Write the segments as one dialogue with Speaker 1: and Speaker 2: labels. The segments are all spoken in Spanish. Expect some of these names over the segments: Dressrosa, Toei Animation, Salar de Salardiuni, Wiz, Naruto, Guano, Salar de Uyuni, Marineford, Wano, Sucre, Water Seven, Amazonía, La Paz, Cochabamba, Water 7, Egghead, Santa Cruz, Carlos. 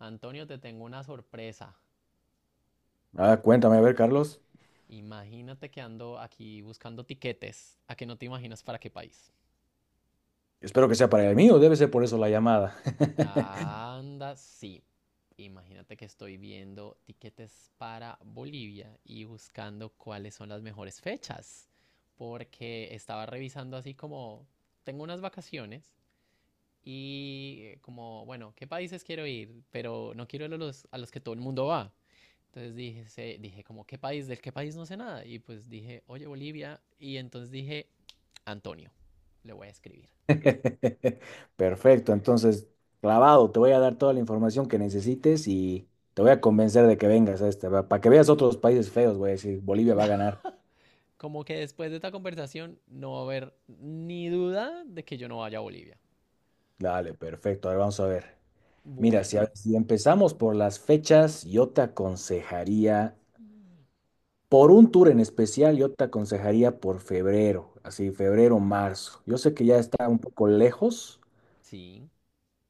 Speaker 1: Antonio, te tengo una sorpresa.
Speaker 2: Ah, cuéntame, a ver, Carlos.
Speaker 1: Imagínate que ando aquí buscando tiquetes. ¿A que no te imaginas para qué país?
Speaker 2: Espero que sea para el mío, debe ser por eso la llamada.
Speaker 1: Anda, sí. Imagínate que estoy viendo tiquetes para Bolivia y buscando cuáles son las mejores fechas. Porque estaba revisando así como, tengo unas vacaciones y como, bueno, ¿qué países quiero ir? Pero no quiero ir a los que todo el mundo va. Entonces dije, dije como, ¿qué país? ¿Del qué país no sé nada? Y pues dije, oye, Bolivia. Y entonces dije, Antonio, le voy a escribir.
Speaker 2: Perfecto, entonces, clavado, te voy a dar toda la información que necesites y te voy a convencer de que vengas a este, para que veas otros países feos, voy a decir, Bolivia va a ganar.
Speaker 1: Como que después de esta conversación no va a haber ni duda de que yo no vaya a Bolivia.
Speaker 2: Dale, perfecto, a ver, vamos a ver. Mira,
Speaker 1: Bueno,
Speaker 2: si, si empezamos por las fechas, yo te aconsejaría,
Speaker 1: sí.
Speaker 2: por un tour en especial, yo te aconsejaría por febrero, así, febrero, marzo. Yo sé que ya
Speaker 1: Ok.
Speaker 2: está un poco lejos.
Speaker 1: Sí.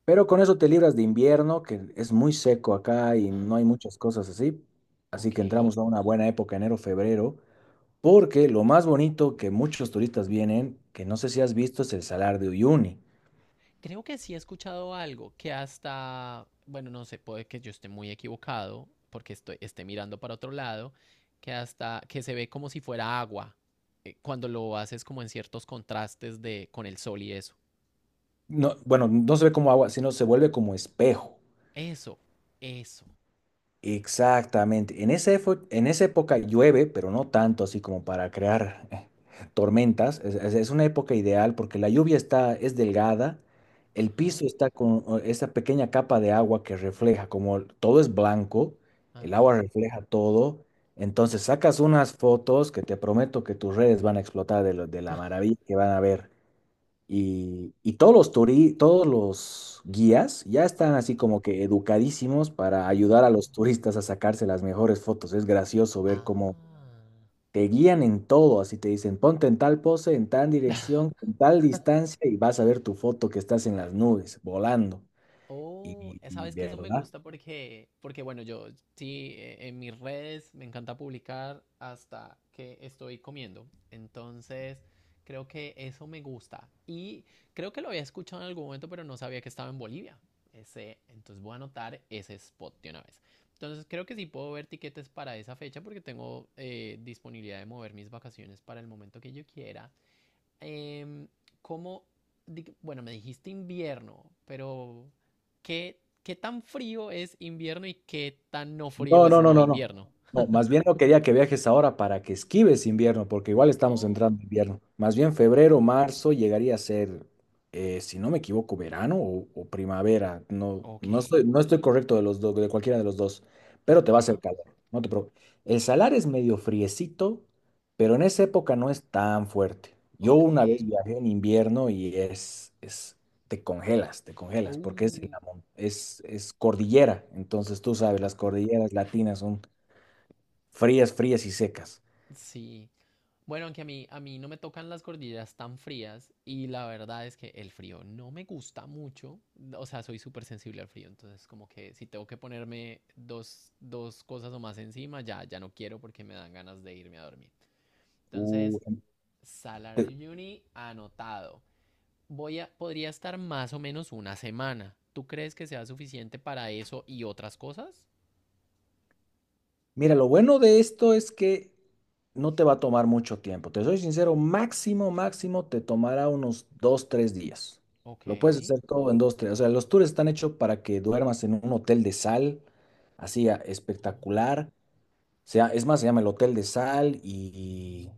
Speaker 2: Pero con eso te libras de invierno, que es muy seco acá y no hay muchas cosas así. Así
Speaker 1: Ok.
Speaker 2: que entramos a una buena época, enero, febrero, porque lo más bonito que muchos turistas vienen, que no sé si has visto, es el Salar de Uyuni.
Speaker 1: Creo que sí he escuchado algo que hasta, bueno, no sé, puede que yo esté muy equivocado porque estoy, esté mirando para otro lado, que hasta que se ve como si fuera agua cuando lo haces como en ciertos contrastes de con el sol y eso.
Speaker 2: No, bueno, no se ve como agua, sino se vuelve como espejo.
Speaker 1: Eso, eso.
Speaker 2: Exactamente. En esa época llueve, pero no tanto así como para crear tormentas. Es una época ideal porque la lluvia está, es delgada, el
Speaker 1: Ajá,
Speaker 2: piso está con esa pequeña capa de agua que refleja, como todo es blanco, el
Speaker 1: ajá,
Speaker 2: agua refleja todo. Entonces sacas unas fotos que te prometo que tus redes van a explotar de la maravilla que van a ver. Y todos los guías ya están
Speaker 1: ajá.
Speaker 2: así como que educadísimos para
Speaker 1: Ah,
Speaker 2: ayudar a los turistas a sacarse las mejores fotos. Es gracioso ver cómo te guían en todo, así te dicen, ponte en tal pose, en tal
Speaker 1: ah.
Speaker 2: dirección, en tal distancia y vas a ver tu foto que estás en las nubes, volando.
Speaker 1: Oh,
Speaker 2: Y
Speaker 1: sabes
Speaker 2: de
Speaker 1: que eso me
Speaker 2: verdad.
Speaker 1: gusta porque bueno, yo sí, en mis redes me encanta publicar hasta que estoy comiendo. Entonces, creo que eso me gusta. Y creo que lo había escuchado en algún momento, pero no sabía que estaba en Bolivia. Ese, entonces voy a anotar ese spot de una vez. Entonces, creo que sí puedo ver tiquetes para esa fecha porque tengo disponibilidad de mover mis vacaciones para el momento que yo quiera. em, ¿cómo, bueno, me dijiste invierno, pero ¿qué tan frío es invierno y qué tan no frío
Speaker 2: No,
Speaker 1: es
Speaker 2: no, no,
Speaker 1: no
Speaker 2: no, no.
Speaker 1: invierno?
Speaker 2: No, más bien no quería que viajes ahora para que esquives invierno, porque igual estamos
Speaker 1: Oh,
Speaker 2: entrando en invierno. Más bien febrero, marzo llegaría a ser, si no me equivoco, verano o primavera.
Speaker 1: ok,
Speaker 2: No estoy correcto de los dos, de cualquiera de los dos, pero te va a hacer
Speaker 1: ajá,
Speaker 2: calor. No te preocupes. El salar es medio friecito, pero en esa época no es tan fuerte. Yo
Speaker 1: ok,
Speaker 2: una vez viajé en invierno y es te congelas, porque es,
Speaker 1: oh,
Speaker 2: es cordillera. Entonces tú sabes, las
Speaker 1: ajá,
Speaker 2: cordilleras latinas son frías, frías y secas.
Speaker 1: sí. Bueno, aunque a mí no me tocan las cordilleras tan frías y la verdad es que el frío no me gusta mucho, o sea, soy súper sensible al frío, entonces como que si tengo que ponerme dos cosas o más encima, ya, ya no quiero porque me dan ganas de irme a dormir.
Speaker 2: Uh,
Speaker 1: Entonces, Salar de
Speaker 2: te-
Speaker 1: Salardiuni anotado. Podría estar más o menos una semana. ¿Tú crees que sea suficiente para eso y otras cosas?
Speaker 2: Mira, lo bueno de esto es que no te va a tomar mucho tiempo. Te soy sincero, máximo, máximo te tomará unos dos, tres días.
Speaker 1: Ok.
Speaker 2: Lo puedes hacer todo en dos, tres. O sea, los tours están hechos para que duermas en un hotel de sal, así
Speaker 1: Oh.
Speaker 2: espectacular. Sea, es más, se llama el Hotel de Sal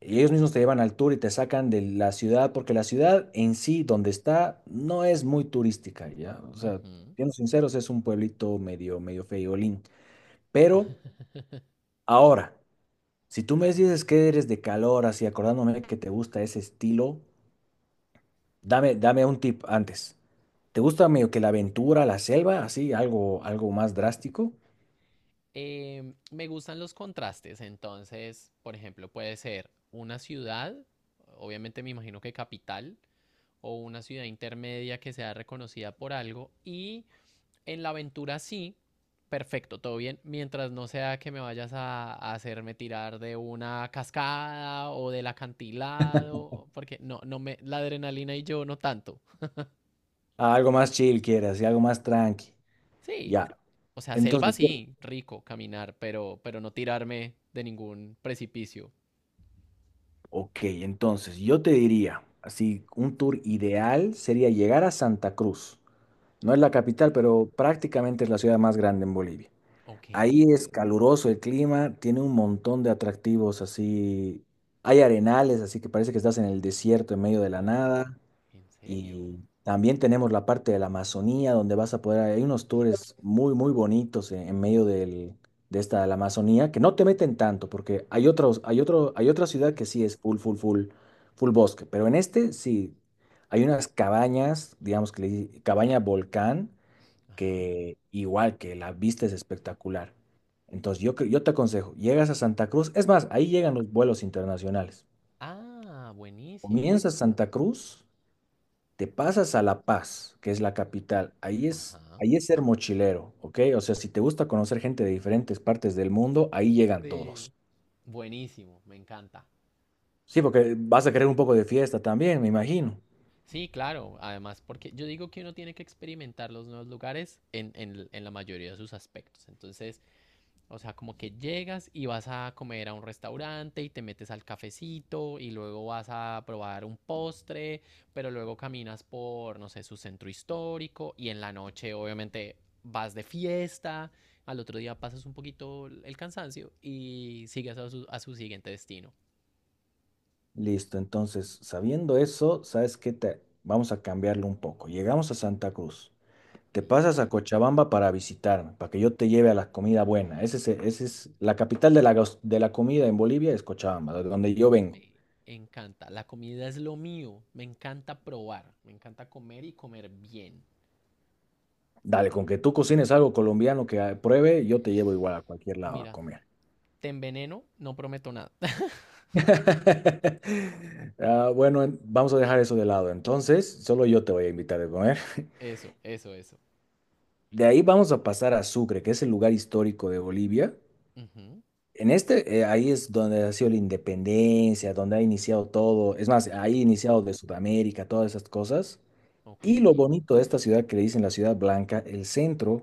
Speaker 2: y ellos mismos te llevan al tour y te sacan de la ciudad, porque la ciudad en sí, donde está, no es muy turística, ¿ya? O sea,
Speaker 1: Ujú.
Speaker 2: siendo sinceros, es un pueblito medio, medio feíolín. Pero ahora, si tú me dices que eres de calor, así acordándome que te gusta ese estilo, dame, dame un tip antes. ¿Te gusta medio que la aventura, la selva, así, algo, algo más drástico?
Speaker 1: Me gustan los contrastes, entonces, por ejemplo, puede ser una ciudad, obviamente me imagino que capital, o una ciudad intermedia que sea reconocida por algo. Y en la aventura sí, perfecto, todo bien, mientras no sea que me vayas a hacerme tirar de una cascada o del acantilado, porque no, no me, la adrenalina y yo no tanto.
Speaker 2: Ah, algo más chill quieres, y algo más tranqui.
Speaker 1: Sí,
Speaker 2: Ya.
Speaker 1: o sea, selva
Speaker 2: Entonces,
Speaker 1: sí, rico caminar, pero no tirarme de ningún precipicio.
Speaker 2: ok, entonces yo te diría, así, un tour ideal sería llegar a Santa Cruz. No es la
Speaker 1: Ok.
Speaker 2: capital, pero prácticamente es la ciudad más grande en Bolivia.
Speaker 1: Ok.
Speaker 2: Ahí es caluroso el clima, tiene un montón de atractivos así. Hay arenales, así que parece que estás en el desierto en medio de la
Speaker 1: Oh,
Speaker 2: nada.
Speaker 1: ¿en serio?
Speaker 2: Y también tenemos la parte de la Amazonía, donde vas a poder, hay unos tours muy, muy bonitos en medio la Amazonía, que no te meten tanto, porque hay otros, hay otra ciudad
Speaker 1: Ujú.
Speaker 2: que sí es full, full, full, full bosque, pero en este sí, hay unas cabañas, digamos que cabaña volcán,
Speaker 1: Ajá.
Speaker 2: que igual que la vista es espectacular. Yo te aconsejo, llegas a Santa Cruz, es más, ahí llegan los vuelos internacionales.
Speaker 1: Ah, buenísimo.
Speaker 2: Comienzas Santa Cruz, te pasas a La Paz, que es la capital.
Speaker 1: Ajá.
Speaker 2: Ahí es ser mochilero, ¿ok? O sea, si te gusta conocer gente de diferentes partes del mundo, ahí llegan
Speaker 1: Sí.
Speaker 2: todos.
Speaker 1: Buenísimo, me encanta.
Speaker 2: Sí, porque vas a querer un poco de fiesta también, me imagino.
Speaker 1: Sí, claro. Además, porque yo digo que uno tiene que experimentar los nuevos lugares en, en la mayoría de sus aspectos. Entonces, o sea, como que llegas y vas a comer a un restaurante y te metes al cafecito y luego vas a probar un postre, pero luego caminas por, no sé, su centro histórico y en la noche, obviamente, vas de fiesta. Al otro día pasas un poquito el cansancio y sigues a su siguiente destino.
Speaker 2: Listo, entonces, sabiendo eso, ¿sabes qué? Te... Vamos a cambiarlo un poco. Llegamos a Santa Cruz. Te
Speaker 1: Listo.
Speaker 2: pasas a Cochabamba para visitarme, para que yo te lleve a la comida buena. Ese es la capital de la comida en Bolivia, es Cochabamba, de donde yo vengo.
Speaker 1: Me encanta. La comida es lo mío. Me encanta probar. Me encanta comer y comer bien.
Speaker 2: Dale, con que tú cocines algo colombiano que pruebe, yo te llevo igual a cualquier lado a
Speaker 1: Mira,
Speaker 2: comer.
Speaker 1: te enveneno, no prometo nada.
Speaker 2: Ah, bueno, vamos a dejar eso de lado. Entonces, solo yo te voy a invitar a comer.
Speaker 1: Eso, eso, eso.
Speaker 2: De ahí vamos a pasar a Sucre, que es el lugar histórico de Bolivia.
Speaker 1: Ujú.
Speaker 2: En este, ahí es donde ha sido la independencia, donde ha iniciado todo. Es más, ahí ha
Speaker 1: Oh,
Speaker 2: iniciado de Sudamérica, todas esas cosas.
Speaker 1: ok.
Speaker 2: Y lo bonito de esta ciudad que le dicen la Ciudad Blanca, el centro.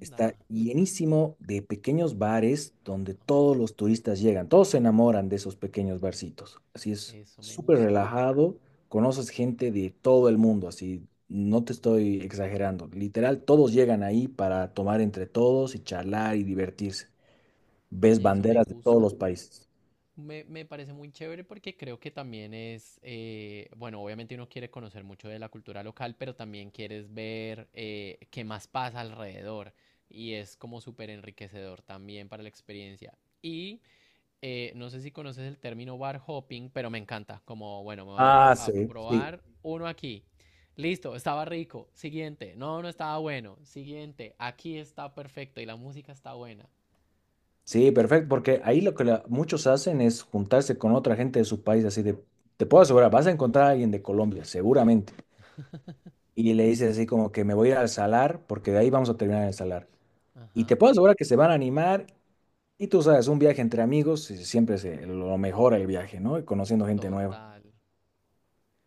Speaker 2: Está llenísimo de pequeños bares donde todos los turistas llegan, todos se enamoran de esos pequeños barcitos. Así es
Speaker 1: Eso me
Speaker 2: súper
Speaker 1: gusta.
Speaker 2: relajado, conoces gente de todo el mundo, así no te estoy exagerando. Literal, todos llegan ahí para tomar entre todos y charlar y divertirse. Ves
Speaker 1: Oye, eso me
Speaker 2: banderas de todos
Speaker 1: gusta.
Speaker 2: los países.
Speaker 1: Me parece muy chévere porque creo que también es, bueno, obviamente uno quiere conocer mucho de la cultura local, pero también quieres ver qué más pasa alrededor y es como súper enriquecedor también para la experiencia. Y no sé si conoces el término bar hopping, pero me encanta, como, bueno, me voy a, pro-
Speaker 2: Ah,
Speaker 1: a
Speaker 2: sí, sí.
Speaker 1: probar uno aquí. Listo, estaba rico. Siguiente, no, no estaba bueno. Siguiente, aquí está perfecto y la música está buena.
Speaker 2: Sí, perfecto, porque ahí lo que muchos hacen es juntarse con otra gente de su país, así de, te puedo asegurar, vas a encontrar a alguien de Colombia, seguramente. Y le dices así como que me voy a ir al salar porque de ahí vamos a terminar en el salar. Y
Speaker 1: Ajá,
Speaker 2: te puedo asegurar que se van a animar y tú sabes, un viaje entre amigos siempre se lo mejora el viaje, ¿no? Y conociendo gente nueva.
Speaker 1: total.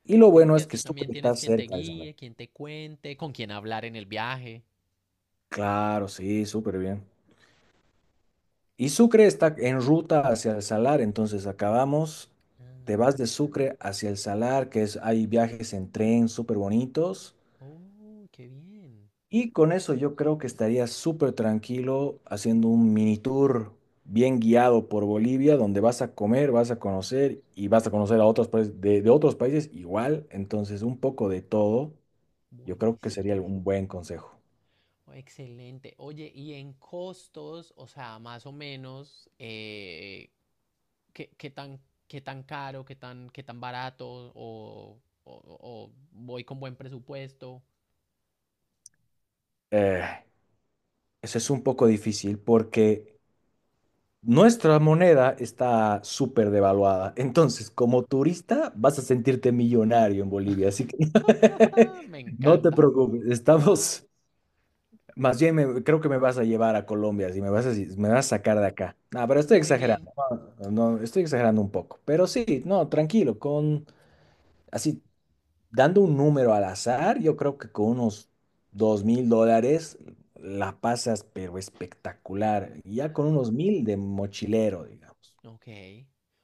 Speaker 2: Y lo
Speaker 1: Sí,
Speaker 2: bueno
Speaker 1: porque
Speaker 2: es que
Speaker 1: así también
Speaker 2: Sucre está
Speaker 1: tienes quien te
Speaker 2: cerca del salar.
Speaker 1: guíe, quien te cuente, con quien hablar en el viaje.
Speaker 2: Claro, sí, súper bien. Y Sucre está en ruta hacia el salar, entonces acabamos, te vas
Speaker 1: Ah,
Speaker 2: de Sucre hacia el salar, que es, hay viajes en tren súper bonitos.
Speaker 1: oh, qué bien.
Speaker 2: Y con eso yo creo que estaría súper tranquilo haciendo un mini tour bien guiado por Bolivia, donde vas a comer, vas a conocer y vas a conocer a otros países de otros países igual. Entonces, un poco de todo, yo creo que
Speaker 1: Buenísimo.
Speaker 2: sería un buen consejo.
Speaker 1: Oh, excelente. Oye, y en costos, o sea, más o menos, ¿qué, qué tan, qué tan caro, qué tan barato, o voy con buen presupuesto?
Speaker 2: Eh, eso es un poco difícil porque nuestra moneda está súper devaluada. Entonces, como turista, vas a sentirte millonario en Bolivia. Así que
Speaker 1: Ah, me
Speaker 2: no te
Speaker 1: encanta.
Speaker 2: preocupes,
Speaker 1: Ah,
Speaker 2: estamos. Más bien, creo que me vas a llevar a Colombia, si me vas a, si me vas a sacar de acá. No, pero estoy
Speaker 1: muy bien.
Speaker 2: exagerando. No, no, no, estoy exagerando un poco. Pero sí, no, tranquilo, con así, dando un número al azar, yo creo que con unos $2000 la pasas, pero espectacular. Y ya con unos 1000 de mochilero, digamos.
Speaker 1: Ok,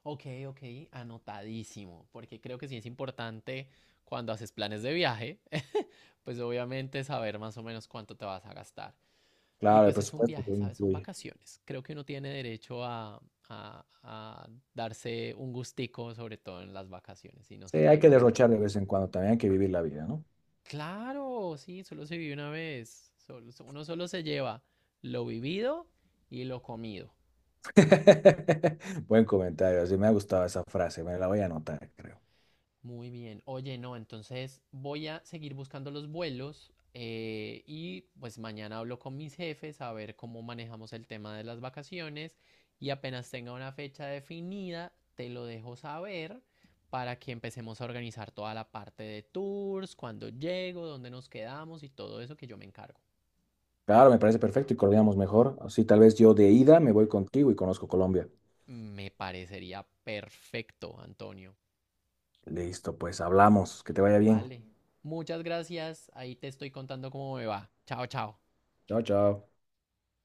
Speaker 1: ok, ok, anotadísimo, porque creo que sí es importante cuando haces planes de viaje, pues obviamente saber más o menos cuánto te vas a gastar. Y
Speaker 2: Claro, el
Speaker 1: pues es un
Speaker 2: presupuesto
Speaker 1: viaje,
Speaker 2: también
Speaker 1: ¿sabes? Son
Speaker 2: influye.
Speaker 1: vacaciones. Creo que uno tiene derecho a darse un gustico, sobre todo en las vacaciones, y no
Speaker 2: Sí,
Speaker 1: ser
Speaker 2: hay que
Speaker 1: tacaño con
Speaker 2: derrochar de
Speaker 1: uno.
Speaker 2: vez en cuando también, hay que vivir la vida, ¿no?
Speaker 1: Claro, sí, solo se vive una vez, uno solo se lleva lo vivido y lo comido.
Speaker 2: Buen comentario, así me ha gustado esa frase, me la voy a anotar, creo.
Speaker 1: Muy bien. Oye, no, entonces voy a seguir buscando los vuelos y pues mañana hablo con mis jefes a ver cómo manejamos el tema de las vacaciones y apenas tenga una fecha definida, te lo dejo saber para que empecemos a organizar toda la parte de tours, cuándo llego, dónde nos quedamos y todo eso que yo me encargo.
Speaker 2: Claro, me parece perfecto y coordinamos mejor. Así tal vez yo de ida me voy contigo y conozco Colombia.
Speaker 1: Me parecería perfecto, Antonio.
Speaker 2: Listo, pues hablamos. Que te vaya bien.
Speaker 1: Vale. Muchas gracias. Ahí te estoy contando cómo me va. Chao, chao.
Speaker 2: Chao, chao.